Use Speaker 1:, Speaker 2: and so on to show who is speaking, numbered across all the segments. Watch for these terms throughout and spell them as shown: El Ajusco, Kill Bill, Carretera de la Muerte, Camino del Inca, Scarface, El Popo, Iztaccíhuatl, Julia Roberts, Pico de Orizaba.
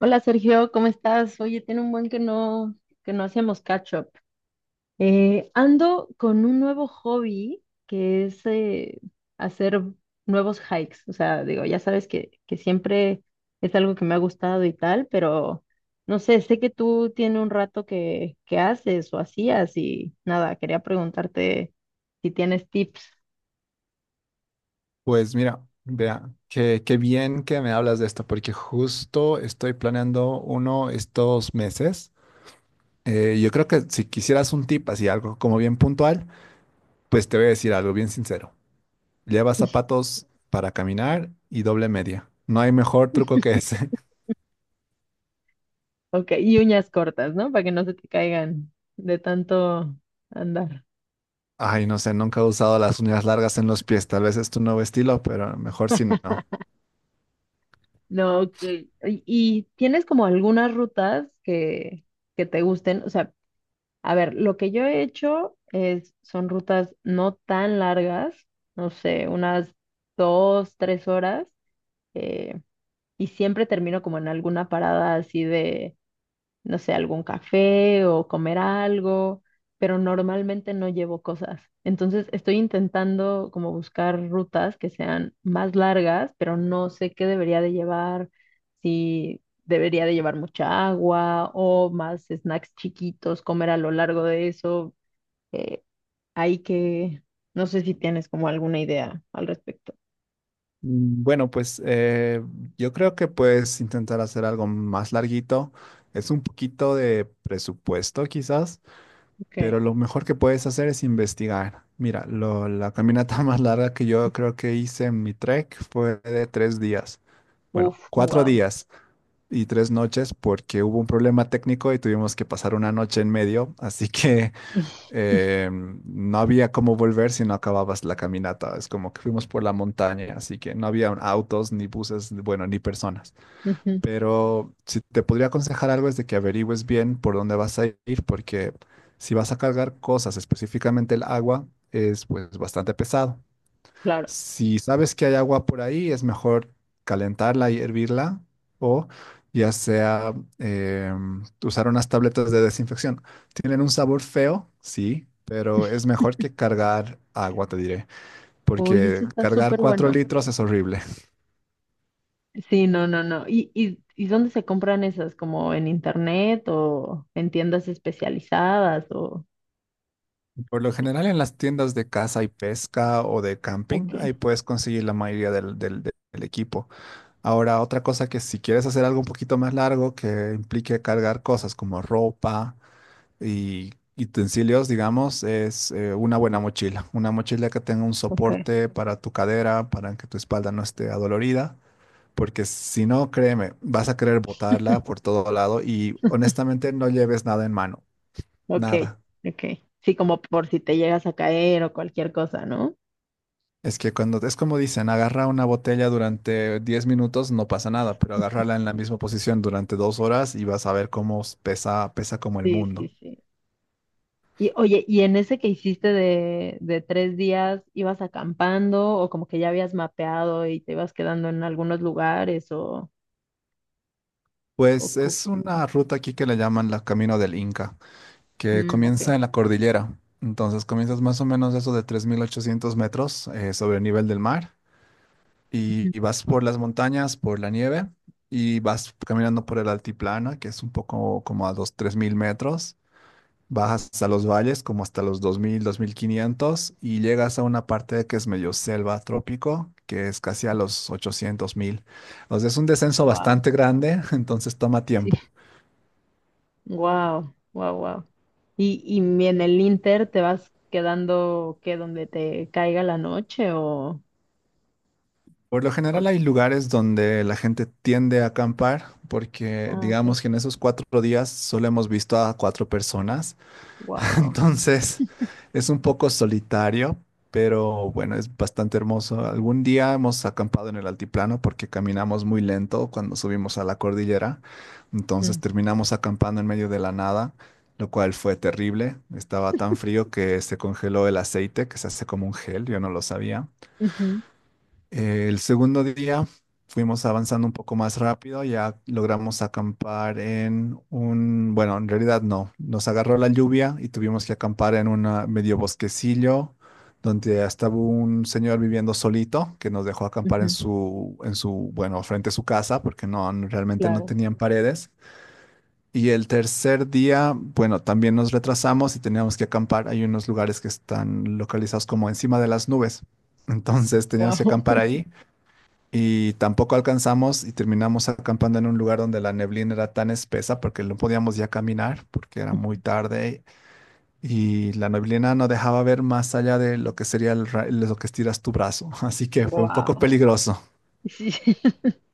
Speaker 1: Hola Sergio, ¿cómo estás? Oye, tiene un buen que no hacemos catch up. Ando con un nuevo hobby que es hacer nuevos hikes. O sea, digo, ya sabes que siempre es algo que me ha gustado y tal, pero no sé, sé que tú tienes un rato que haces o hacías y nada, quería preguntarte si tienes tips.
Speaker 2: Pues mira, vea, qué bien que me hablas de esto, porque justo estoy planeando uno estos meses. Yo creo que si quisieras un tip así, algo como bien puntual, pues te voy a decir algo bien sincero. Lleva zapatos para caminar y doble media. No hay mejor truco que ese.
Speaker 1: Ok, y uñas cortas, ¿no? Para que no se te caigan de tanto andar.
Speaker 2: Ay, no sé, nunca he usado las uñas largas en los pies. Tal vez es tu nuevo estilo, pero mejor si no.
Speaker 1: No, que ¿Y tienes como algunas rutas que te gusten? O sea, a ver, lo que yo he hecho es, son rutas no tan largas, no sé, unas 2, 3 horas, eh, y siempre termino como en alguna parada así de no sé, algún café o comer algo, pero normalmente no llevo cosas. Entonces estoy intentando como buscar rutas que sean más largas, pero no sé qué debería de llevar, si debería de llevar mucha agua o más snacks chiquitos, comer a lo largo de eso. Eh, hay que, no sé si tienes como alguna idea al respecto.
Speaker 2: Bueno, pues yo creo que puedes intentar hacer algo más larguito. Es un poquito de presupuesto quizás,
Speaker 1: Ok.
Speaker 2: pero lo mejor que puedes hacer es investigar. Mira, la caminata más larga que yo creo que hice en mi trek fue de 3 días. Bueno,
Speaker 1: Uf,
Speaker 2: cuatro
Speaker 1: wow.
Speaker 2: días y 3 noches porque hubo un problema técnico y tuvimos que pasar una noche en medio. Así que no había cómo volver si no acababas la caminata. Es como que fuimos por la montaña, así que no había autos, ni buses, bueno, ni personas.
Speaker 1: Ujú,
Speaker 2: Pero si te podría aconsejar algo es de que averigües bien por dónde vas a ir, porque si vas a cargar cosas, específicamente el agua, es pues bastante pesado.
Speaker 1: claro.
Speaker 2: Si sabes que hay agua por ahí, es mejor calentarla y hervirla o ya sea eh, usar unas tabletas de desinfección. Tienen un sabor feo, sí, pero es mejor que cargar agua, te diré,
Speaker 1: Oye,
Speaker 2: porque
Speaker 1: eso está
Speaker 2: cargar
Speaker 1: súper
Speaker 2: cuatro
Speaker 1: bueno.
Speaker 2: litros es horrible.
Speaker 1: Sí, no, no, no. ¿Y dónde se compran esas? ¿Como en internet o en tiendas especializadas o...?
Speaker 2: Por lo general en las tiendas de caza y pesca o de camping,
Speaker 1: Ok.
Speaker 2: ahí puedes conseguir la mayoría del equipo. Ahora, otra cosa que si quieres hacer algo un poquito más largo que implique cargar cosas como ropa y utensilios, digamos, es una buena mochila. Una mochila que tenga un
Speaker 1: Ok,
Speaker 2: soporte para tu cadera, para que tu espalda no esté adolorida. Porque si no, créeme, vas a querer botarla por todo lado y honestamente no lleves nada en mano.
Speaker 1: ok,
Speaker 2: Nada.
Speaker 1: ok. Sí, como por si te llegas a caer o cualquier cosa, ¿no?
Speaker 2: Es que cuando es como dicen, agarra una botella durante 10 minutos, no pasa nada, pero agarrarla en la misma posición durante 2 horas y vas a ver cómo pesa, pesa como el
Speaker 1: Sí, sí,
Speaker 2: mundo.
Speaker 1: sí. Y oye, ¿y en ese que hiciste de 3 días, ibas acampando o como que ya habías mapeado y te ibas quedando en algunos lugares. O...
Speaker 2: Pues
Speaker 1: co-
Speaker 2: es una ruta aquí que le llaman la Camino del Inca, que
Speaker 1: Mm, ok.
Speaker 2: comienza en la cordillera. Entonces comienzas más o menos eso de 3.800 metros sobre el nivel del mar
Speaker 1: Ujú.
Speaker 2: y vas por las montañas, por la nieve y vas caminando por el altiplano, que es un poco como a los 3.000 metros. Bajas hasta los valles, como hasta los 2.000, 2.500 y llegas a una parte que es medio selva trópico, que es casi a los 800.000. O sea, es un descenso
Speaker 1: Wow.
Speaker 2: bastante grande, entonces toma tiempo.
Speaker 1: Wow, wow, wow. Y en el Inter te vas quedando que donde te caiga la noche.
Speaker 2: Por lo general
Speaker 1: O-
Speaker 2: hay lugares donde la gente tiende a acampar porque
Speaker 1: ah, ok.
Speaker 2: digamos que en esos 4 días solo hemos visto a 4 personas,
Speaker 1: Wow.
Speaker 2: entonces es un poco solitario, pero bueno, es bastante hermoso. Algún día hemos acampado en el altiplano porque caminamos muy lento cuando subimos a la cordillera, entonces terminamos acampando en medio de la nada, lo cual fue terrible. Estaba tan frío que se congeló el aceite, que se hace como un gel, yo no lo sabía. El segundo día fuimos avanzando un poco más rápido, ya logramos acampar en un, bueno, en realidad no, nos agarró la lluvia y tuvimos que acampar en un medio bosquecillo donde estaba un señor viviendo solito que nos dejó acampar en su, bueno, frente a su casa porque realmente no
Speaker 1: Claro.
Speaker 2: tenían paredes. Y el tercer día, bueno, también nos retrasamos y teníamos que acampar. Hay unos lugares que están localizados como encima de las nubes. Entonces teníamos que
Speaker 1: Wow.
Speaker 2: acampar ahí y tampoco alcanzamos y terminamos acampando en un lugar donde la neblina era tan espesa porque no podíamos ya caminar porque era muy tarde y la neblina no dejaba ver más allá de lo que sería el lo que estiras tu brazo. Así que fue un poco
Speaker 1: Wow.
Speaker 2: peligroso.
Speaker 1: Sí.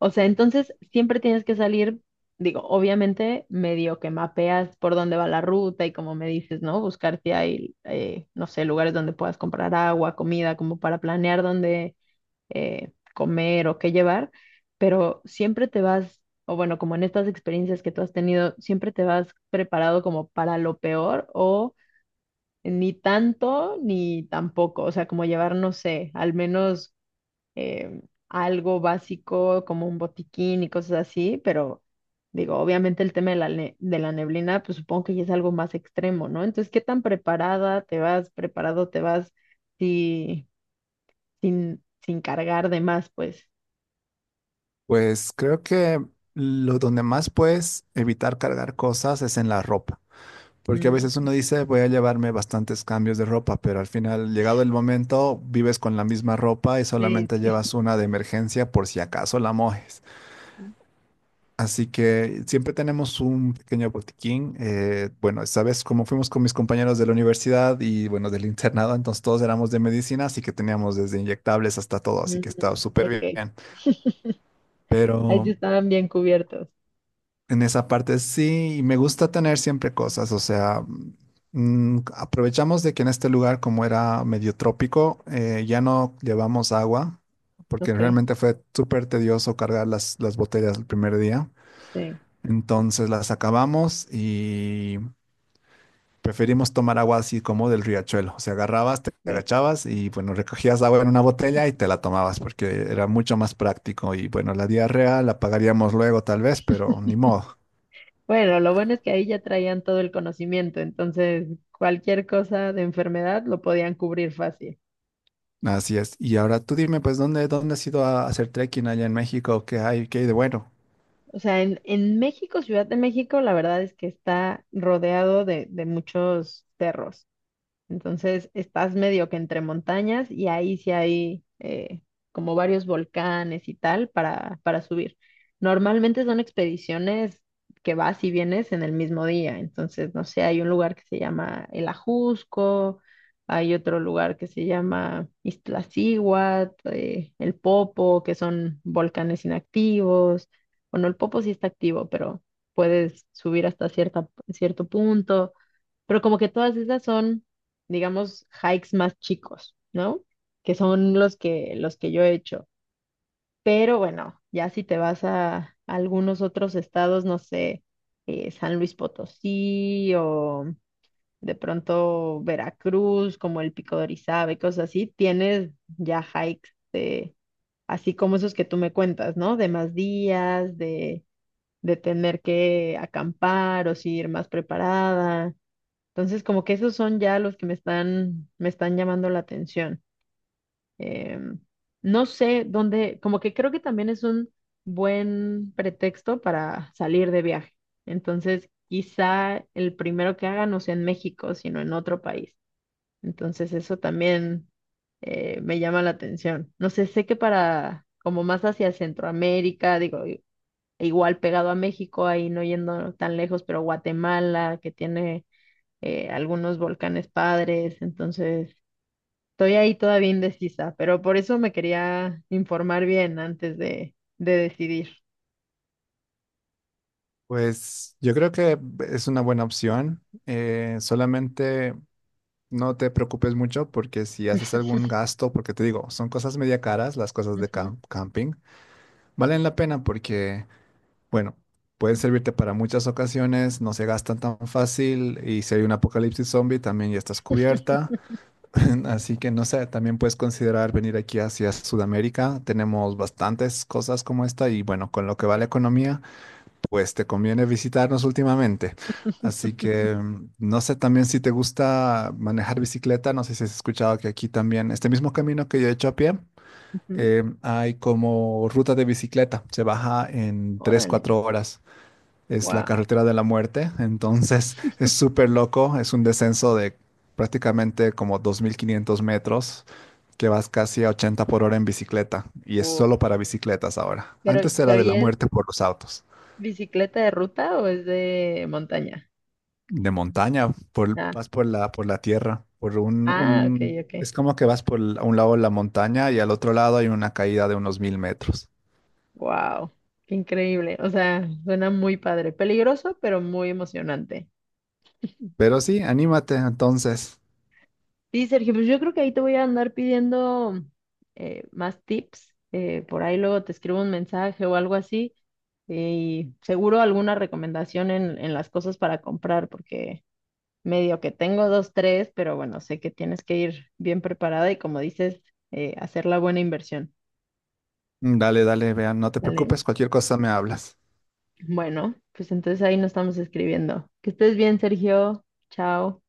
Speaker 1: O sea, entonces siempre tienes que salir, digo, obviamente medio que mapeas por dónde va la ruta y como me dices, ¿no? Buscar si hay, no sé, lugares donde puedas comprar agua, comida, como para planear dónde comer o qué llevar, pero siempre te vas, o bueno, como en estas experiencias que tú has tenido, siempre te vas preparado como para lo peor o ni tanto ni tampoco, o sea, como llevar, no sé, al menos eh, algo básico como un botiquín y cosas así, pero digo, obviamente el tema de la neblina, pues supongo que ya es algo más extremo, ¿no? Entonces, ¿qué tan preparada te vas, preparado te vas si- sin cargar de más, pues?
Speaker 2: Pues creo que lo donde más puedes evitar cargar cosas es en la ropa. Porque a
Speaker 1: Mm,
Speaker 2: veces
Speaker 1: ok.
Speaker 2: uno dice, voy a llevarme bastantes cambios de ropa, pero al final, llegado el momento, vives con la misma ropa y
Speaker 1: Sí,
Speaker 2: solamente
Speaker 1: sí.
Speaker 2: llevas una de emergencia por si acaso la mojes. Así que siempre tenemos un pequeño botiquín. Bueno, esta vez como fuimos con mis compañeros de la universidad y bueno, del internado, entonces todos éramos de medicina, así que teníamos desde inyectables hasta todo, así
Speaker 1: Mm,
Speaker 2: que estaba súper
Speaker 1: ok.
Speaker 2: bien.
Speaker 1: Ahí sí
Speaker 2: Pero
Speaker 1: estaban bien cubiertos.
Speaker 2: en esa parte sí, y me gusta tener siempre cosas, o sea, aprovechamos de que en este lugar, como era medio trópico, ya no llevamos agua, porque
Speaker 1: Ok,
Speaker 2: realmente fue súper tedioso cargar las botellas el primer día.
Speaker 1: sí.
Speaker 2: Entonces las acabamos y preferimos tomar agua así como del riachuelo. O sea, agarrabas, te
Speaker 1: Ok.
Speaker 2: agachabas y bueno, recogías agua en una botella y te la tomabas porque era mucho más práctico. Y bueno, la diarrea la pagaríamos luego tal vez, pero ni modo.
Speaker 1: Bueno, lo bueno es que ahí ya traían todo el conocimiento, entonces cualquier cosa de enfermedad lo podían cubrir fácil.
Speaker 2: Así es. Y ahora tú dime, pues, ¿dónde has ido a hacer trekking allá en México? ¿Qué hay de bueno?
Speaker 1: O sea, en México, Ciudad de México, la verdad es que está rodeado de muchos cerros. Entonces estás medio que entre montañas y ahí sí hay como varios volcanes y tal para subir. Normalmente son expediciones que vas y vienes en el mismo día. Entonces, no sé, hay un lugar que se llama El Ajusco, hay otro lugar que se llama Iztaccíhuatl, El Popo, que son volcanes inactivos. Bueno, el Popo sí está activo, pero puedes subir hasta cierta, cierto punto. Pero como que todas esas son, digamos, hikes más chicos, ¿no? Que son los que yo he hecho. Pero bueno, ya si te vas a algunos otros estados, no sé, San Luis Potosí o de pronto Veracruz, como el Pico de Orizaba y cosas así, tienes ya hikes de, así como esos que tú me cuentas, ¿no? De más días, de tener que acampar o si ir más preparada. Entonces, como que esos son ya los que me están llamando la atención. Em, no sé dónde, como que creo que también es un buen pretexto para salir de viaje. Entonces, quizá el primero que haga no sea en México, sino en otro país. Entonces, eso también me llama la atención. No sé, sé que para, como más hacia Centroamérica, digo, igual pegado a México, ahí no yendo tan lejos, pero Guatemala, que tiene algunos volcanes padres, entonces estoy ahí todavía indecisa, pero por eso me quería informar bien antes de decidir.
Speaker 2: Pues yo creo que es una buena opción. Solamente no te preocupes mucho porque si haces algún gasto, porque te digo, son cosas media caras, las cosas de
Speaker 1: Ujú.
Speaker 2: camping, valen la pena porque, bueno, pueden servirte para muchas ocasiones, no se gastan tan fácil y si hay un apocalipsis zombie también ya estás cubierta. Así que no sé, también puedes considerar venir aquí hacia Sudamérica. Tenemos bastantes cosas como esta y bueno, con lo que va la economía. Pues te conviene visitarnos últimamente. Así que no sé también si te gusta manejar bicicleta. No sé si has escuchado que aquí también, este mismo camino que yo he hecho a pie,
Speaker 1: Ujú.
Speaker 2: hay como ruta de bicicleta. Se baja en tres
Speaker 1: Órale,
Speaker 2: cuatro horas. Es la
Speaker 1: wow.
Speaker 2: carretera de la muerte. Entonces es súper loco. Es un descenso de prácticamente como 2.500 metros que vas casi a 80 por hora en bicicleta. Y es solo para bicicletas ahora.
Speaker 1: Pero,
Speaker 2: Antes era
Speaker 1: pero
Speaker 2: de
Speaker 1: ¿y
Speaker 2: la
Speaker 1: es
Speaker 2: muerte por los autos.
Speaker 1: bicicleta de ruta o es de montaña?
Speaker 2: De montaña, por,
Speaker 1: Ah,
Speaker 2: vas por la tierra, por
Speaker 1: ah, ok, ok.
Speaker 2: es como que vas por a un lado la montaña y al otro lado hay una caída de unos 1.000 metros.
Speaker 1: Wow, qué increíble. O sea, suena muy padre. Peligroso, pero muy emocionante.
Speaker 2: Pero sí, anímate entonces.
Speaker 1: Sí, Sergio, pues yo creo que ahí te voy a andar pidiendo más tips. Por ahí luego te escribo un mensaje o algo así. Y seguro alguna recomendación en las cosas para comprar, porque medio que tengo dos, tres, pero bueno, sé que tienes que ir bien preparada y como dices, hacer la buena inversión.
Speaker 2: Dale, dale, vean, no te
Speaker 1: ¿Vale?
Speaker 2: preocupes, cualquier cosa me hablas.
Speaker 1: Bueno, pues entonces ahí nos estamos escribiendo. Que estés bien, Sergio. Chao.